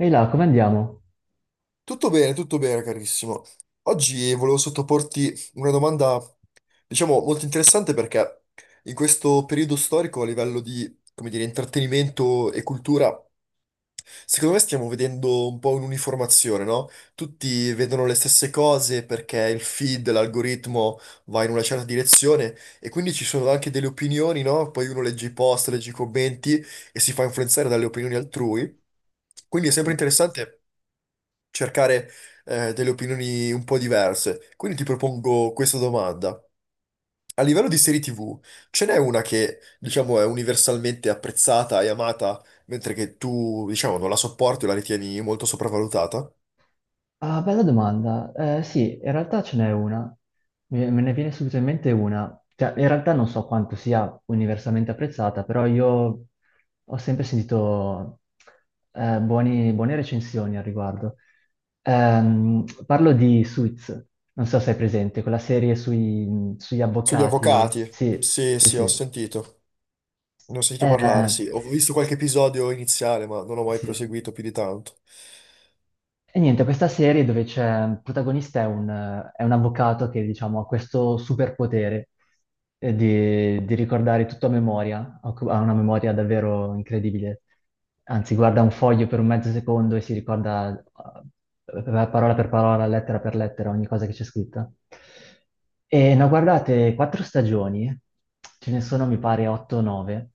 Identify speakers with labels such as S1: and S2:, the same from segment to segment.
S1: Ehi là, come andiamo?
S2: Tutto bene, carissimo. Oggi volevo sottoporti una domanda, diciamo, molto interessante perché in questo periodo storico a livello di, come dire, intrattenimento e cultura, secondo me stiamo vedendo un po' un'uniformazione, no? Tutti vedono le stesse cose perché il feed, l'algoritmo va in una certa direzione e quindi ci sono anche delle opinioni, no? Poi uno legge i post, legge i commenti e si fa influenzare dalle opinioni altrui. Quindi è sempre interessante cercare delle opinioni un po' diverse. Quindi ti propongo questa domanda. A livello di serie TV, ce n'è una che, diciamo, è universalmente apprezzata e amata, mentre che tu, diciamo, non la sopporti o la ritieni molto sopravvalutata?
S1: Ah, bella domanda. Sì, in realtà ce n'è una. Me ne viene subito in mente una. Cioè, in realtà non so quanto sia universalmente apprezzata, però io ho sempre sentito buone recensioni al riguardo. Parlo di Suits, non so se è presente, quella serie sugli
S2: Sugli
S1: avvocati.
S2: avvocati?
S1: Sì,
S2: Sì,
S1: sì,
S2: sì, ho
S1: sì.
S2: sentito. Ne ho sentito parlare,
S1: Eh,
S2: sì. Ho visto qualche episodio iniziale, ma non ho mai
S1: sì.
S2: proseguito più di tanto.
S1: E niente, questa serie dove c'è, il protagonista è è un avvocato che, diciamo, ha questo superpotere di ricordare tutto a memoria, ha una memoria davvero incredibile. Anzi, guarda un foglio per un mezzo secondo e si ricorda eh, eh, parola per parola, lettera per lettera, ogni cosa che c'è scritta. E ne ho guardate quattro stagioni, ce ne sono mi pare 8 o 9.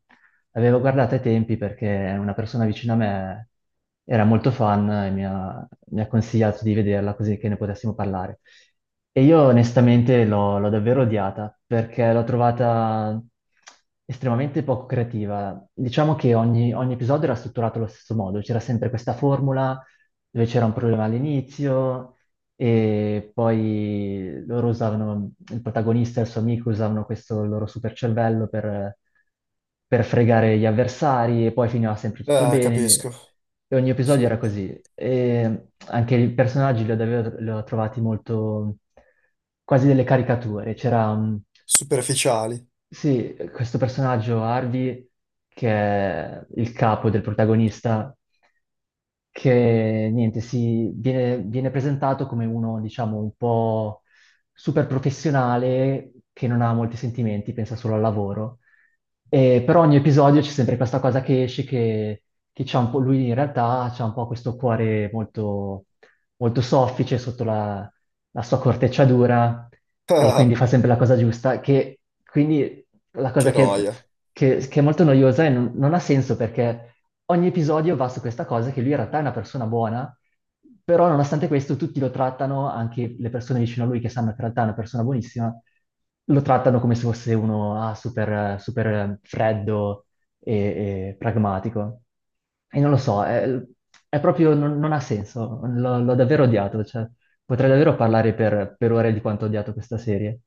S1: Avevo guardato ai tempi perché una persona vicino a me era molto fan e mi ha consigliato di vederla così che ne potessimo parlare. E io onestamente l'ho davvero odiata perché l'ho trovata estremamente poco creativa. Diciamo che ogni episodio era strutturato allo stesso modo, c'era sempre questa formula dove c'era un problema all'inizio, e poi il protagonista e il suo amico usavano questo loro super cervello per fregare gli avversari e poi finiva sempre tutto
S2: Ah,
S1: bene.
S2: capisco.
S1: E ogni episodio
S2: Sì.
S1: era così. E anche i personaggi li ho trovati quasi delle caricature.
S2: Superficiali.
S1: Sì, questo personaggio Harvey, che è il capo del protagonista, che niente, si, viene presentato come uno, diciamo, un po' super professionale che non ha molti sentimenti, pensa solo al lavoro. E per ogni episodio c'è sempre questa cosa che esce, che c'ha un po', lui in realtà c'ha un po' questo cuore molto soffice sotto la sua corteccia dura e quindi
S2: Ah,
S1: fa sempre la cosa giusta, che quindi la cosa
S2: che noia.
S1: che è molto noiosa e non ha senso perché ogni episodio va su questa cosa che lui in realtà è una persona buona, però nonostante questo tutti lo trattano, anche le persone vicino a lui che sanno che in realtà è una persona buonissima, lo trattano come se fosse uno super, super freddo e, e pragmatico. E non lo so, è proprio, non ha senso, l'ho davvero odiato. Cioè. Potrei davvero parlare per ore di quanto ho odiato questa serie.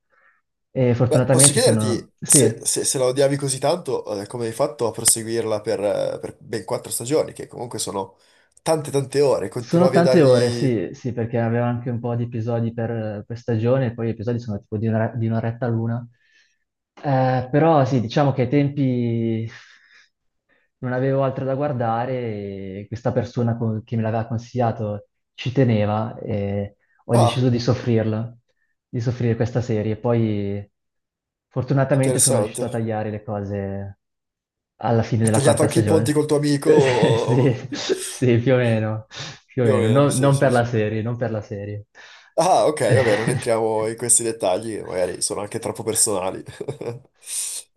S1: E
S2: Beh, posso
S1: fortunatamente sono...
S2: chiederti se,
S1: Sì,
S2: se- se la odiavi così tanto, come hai fatto a proseguirla per ben quattro stagioni, che comunque sono tante tante ore,
S1: sono
S2: continuavi a
S1: tante ore,
S2: dargli...
S1: sì, sì, perché aveva anche un po' di episodi per stagione, e poi gli episodi sono tipo di un'oretta l'una. Però sì, diciamo che ai tempi non avevo altro da guardare e questa che me l'aveva consigliato ci teneva e ho deciso
S2: Ah,
S1: di soffrirla, di soffrire questa serie. Poi fortunatamente sono riuscito a
S2: interessante.
S1: tagliare le cose alla fine
S2: Hai
S1: della
S2: tagliato
S1: quarta
S2: anche i ponti
S1: stagione.
S2: col tuo amico,
S1: Sì, sì, più o meno, più o
S2: più o
S1: meno.
S2: meno, sì,
S1: Non
S2: sì,
S1: per la
S2: sì.
S1: serie, non per la serie.
S2: Ah, ok, vabbè, non entriamo in questi dettagli, magari sono anche troppo personali.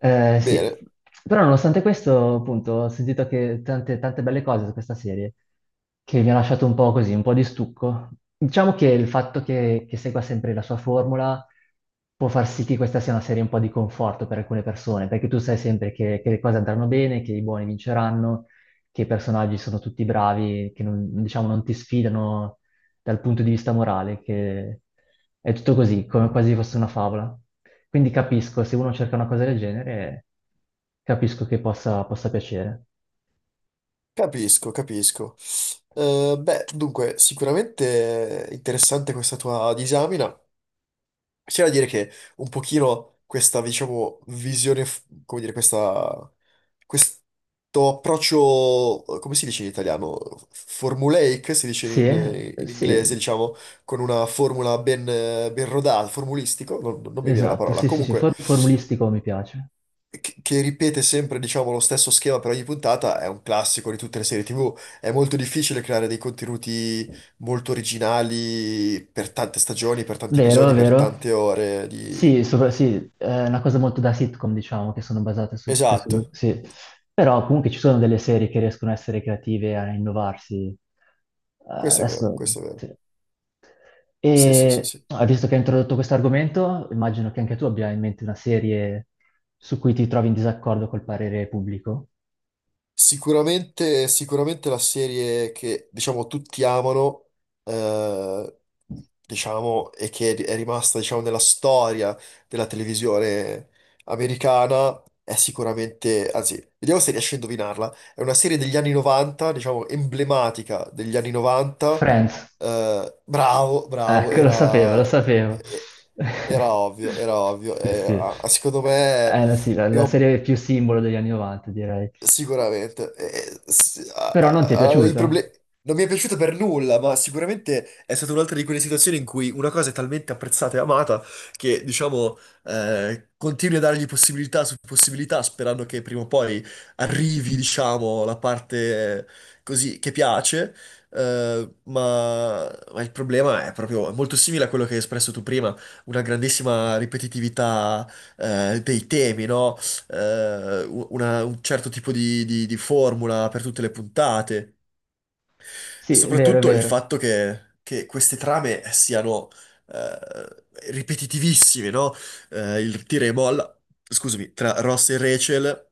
S1: Sì,
S2: Bene,
S1: però nonostante questo, appunto, ho sentito che tante belle cose su questa serie che mi ha lasciato un po' così, un po' di stucco. Diciamo che il fatto che segua sempre la sua formula può far sì che questa sia una serie un po' di conforto per alcune persone, perché tu sai sempre che le cose andranno bene, che i buoni vinceranno, che i personaggi sono tutti bravi, che non, diciamo, non ti sfidano dal punto di vista morale, che è tutto così, come quasi fosse una favola. Quindi capisco, se uno cerca una cosa del genere, capisco che possa piacere.
S2: capisco, capisco. Beh, dunque, sicuramente interessante questa tua disamina. C'è da dire che un pochino questa, diciamo, visione, come dire, questo approccio, come si dice in italiano? Formulaic, si dice
S1: Sì,
S2: in, in inglese,
S1: sì,
S2: diciamo, con una formula ben rodata, formulistico, non mi viene la
S1: esatto,
S2: parola.
S1: sì, sì, sì,
S2: Comunque,
S1: formulistico mi piace.
S2: che ripete sempre, diciamo, lo stesso schema per ogni puntata, è un classico di tutte le serie TV. È molto difficile creare dei contenuti molto originali per tante stagioni, per tanti
S1: Vero,
S2: episodi, per
S1: vero.
S2: tante ore di...
S1: Sì, sì, è una cosa molto da sitcom, diciamo, che sono basate su tutte su...
S2: Esatto,
S1: Sì. Però comunque ci sono delle serie che riescono a essere creative, a innovarsi.
S2: questo è vero,
S1: Adesso...
S2: questo è vero.
S1: sì.
S2: Sì, sì, sì,
S1: E
S2: sì.
S1: visto che hai introdotto questo argomento, immagino che anche tu abbia in mente una serie su cui ti trovi in disaccordo col parere pubblico.
S2: Sicuramente, sicuramente la serie che diciamo tutti amano, eh, diciamo, e che è rimasta diciamo, nella storia della televisione americana, è sicuramente, anzi, vediamo se riesci a indovinarla. È una serie degli anni 90, diciamo, emblematica degli anni 90.
S1: Friends.
S2: Bravo, bravo,
S1: Ecco, lo sapevo, lo
S2: era,
S1: sapevo.
S2: era ovvio, era ovvio.
S1: Sì, sì.
S2: Ah, secondo me
S1: È sì, la
S2: abbiamo.
S1: serie più simbolo degli anni 90, direi.
S2: Sicuramente. Eh, s- a-
S1: Però
S2: a-
S1: non ti è
S2: a- i
S1: piaciuta?
S2: proble- Non mi è piaciuta per nulla, ma sicuramente è stata un'altra di quelle situazioni in cui una cosa è talmente apprezzata e amata che, diciamo, continui a dargli possibilità su possibilità, sperando che prima o poi arrivi, diciamo, la parte così che piace. Ma il problema è proprio è molto simile a quello che hai espresso tu prima, una grandissima ripetitività, dei temi, no? Un certo tipo di, di formula per tutte le puntate.
S1: Sì, è vero, è
S2: Soprattutto il
S1: vero.
S2: fatto che queste trame siano eh, ripetitivissime, no? Il tira e molla, scusami, tra Ross e Rachel.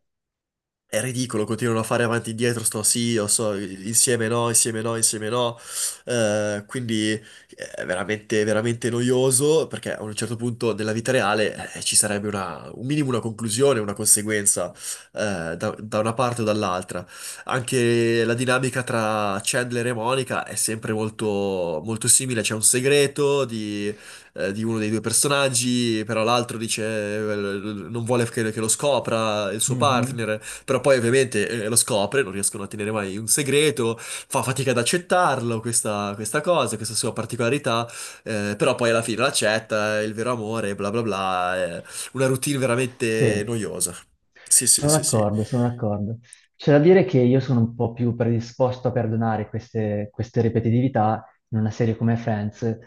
S2: È ridicolo, continuano a fare avanti e indietro, sto sì, io so, insieme no, insieme no, insieme no. Quindi è veramente, veramente noioso perché a un certo punto della vita reale ci sarebbe un minimo una conclusione, una conseguenza da una parte o dall'altra. Anche la dinamica tra Chandler e Monica è sempre molto, molto simile, c'è un segreto di uno dei due personaggi, però l'altro dice non vuole che lo scopra il suo
S1: Mhm.
S2: partner, però poi ovviamente lo scopre, non riescono a tenere mai un segreto, fa fatica ad accettarlo, questa cosa, questa sua particolarità, però poi alla fine l'accetta, è il vero amore, bla bla bla, è una routine veramente
S1: Sì.
S2: noiosa. Sì, sì,
S1: Sono
S2: sì, sì.
S1: d'accordo, sono d'accordo. C'è da dire che io sono un po' più predisposto a perdonare queste ripetitività in una serie come Friends,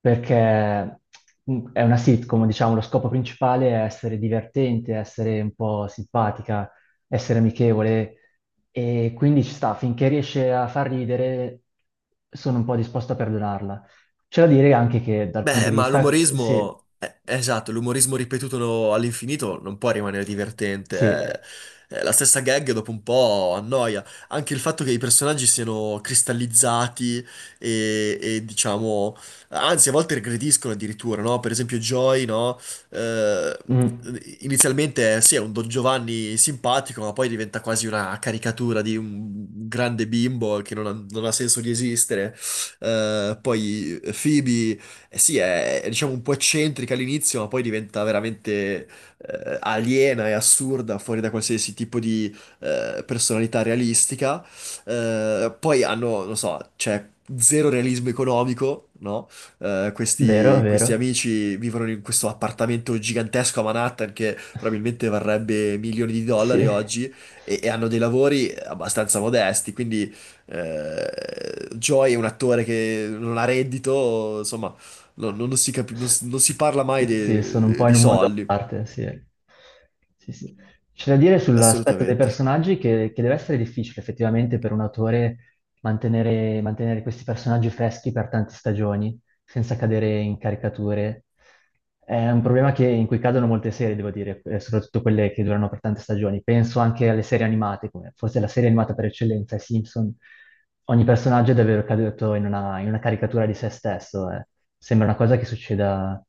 S1: perché mm, è una sitcom, diciamo, lo scopo principale è essere divertente, essere un po' simpatica, essere amichevole, e quindi ci sta, finché riesce a far ridere, sono un po' disposto a perdonarla. C'è da dire anche che dal punto
S2: Beh,
S1: di
S2: ma
S1: vista...
S2: l'umorismo, esatto, l'umorismo ripetuto all'infinito non può rimanere divertente.
S1: sì,
S2: La stessa gag dopo un po' annoia. Anche il fatto che i personaggi siano cristallizzati e, diciamo, anzi, a volte regrediscono addirittura, no? Per esempio, Joy, no? Eh,
S1: Mm.
S2: Inizialmente sì, è un Don Giovanni simpatico, ma poi diventa quasi una caricatura di un grande bimbo che non ha senso di esistere. Poi Phoebe eh sì, è, diciamo un po' eccentrica all'inizio, ma poi diventa veramente aliena e assurda, fuori da qualsiasi tipo di personalità realistica. Poi hanno, non so, c'è zero realismo economico, no? Eh,
S1: Vero,
S2: questi, questi
S1: vero.
S2: amici vivono in questo appartamento gigantesco a Manhattan che probabilmente varrebbe milioni di
S1: Sì.
S2: dollari oggi e hanno dei lavori abbastanza modesti, quindi eh, Joy è un attore che non ha reddito, insomma. No, non, non si capi- non,
S1: S-
S2: si non si parla mai
S1: Sì, sono un
S2: de-
S1: po' in
S2: di
S1: un mondo a
S2: soldi,
S1: parte, sì. Sì, sì. C'è da dire sull'aspetto dei
S2: assolutamente.
S1: personaggi che deve essere difficile effettivamente per un autore mantenere questi personaggi freschi per tante stagioni. Senza cadere in caricature. È un problema che in cui cadono molte serie, devo dire, soprattutto quelle che durano per tante stagioni. Penso anche alle serie animate, come forse la serie animata per eccellenza, i Simpson. Ogni personaggio è davvero caduto in una caricatura di se stesso. Eh. Sembra una cosa che succeda,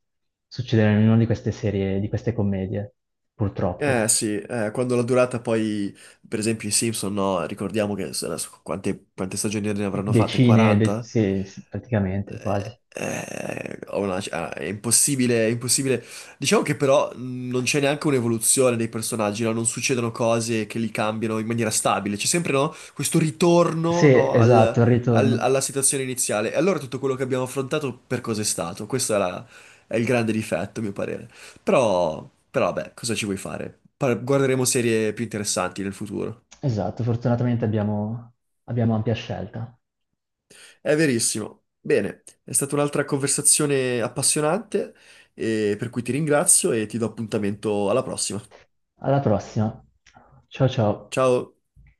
S1: succeda in una di queste serie, di queste commedie, purtroppo.
S2: Eh sì, quando la durata poi, per esempio i Simpson, no, ricordiamo che adesso quante stagioni ne avranno fatte?
S1: Decine,
S2: 40?
S1: sì, sì, praticamente, quasi.
S2: È impossibile, è impossibile. Diciamo che però non c'è neanche un'evoluzione dei personaggi, no? Non succedono cose che li cambiano in maniera stabile. C'è sempre, no? Questo
S1: Sì,
S2: ritorno, no? al-
S1: esatto, il
S2: al-
S1: ritorno.
S2: alla situazione iniziale. E allora tutto quello che abbiamo affrontato per cosa è stato? È il grande difetto, a mio parere. Però, vabbè, cosa ci vuoi fare? Guarderemo serie più interessanti nel futuro.
S1: Esatto, fortunatamente abbiamo ampia scelta.
S2: È verissimo. Bene, è stata un'altra conversazione appassionante, per cui ti ringrazio e ti do appuntamento alla prossima.
S1: Alla prossima. Ciao ciao.
S2: Ciao!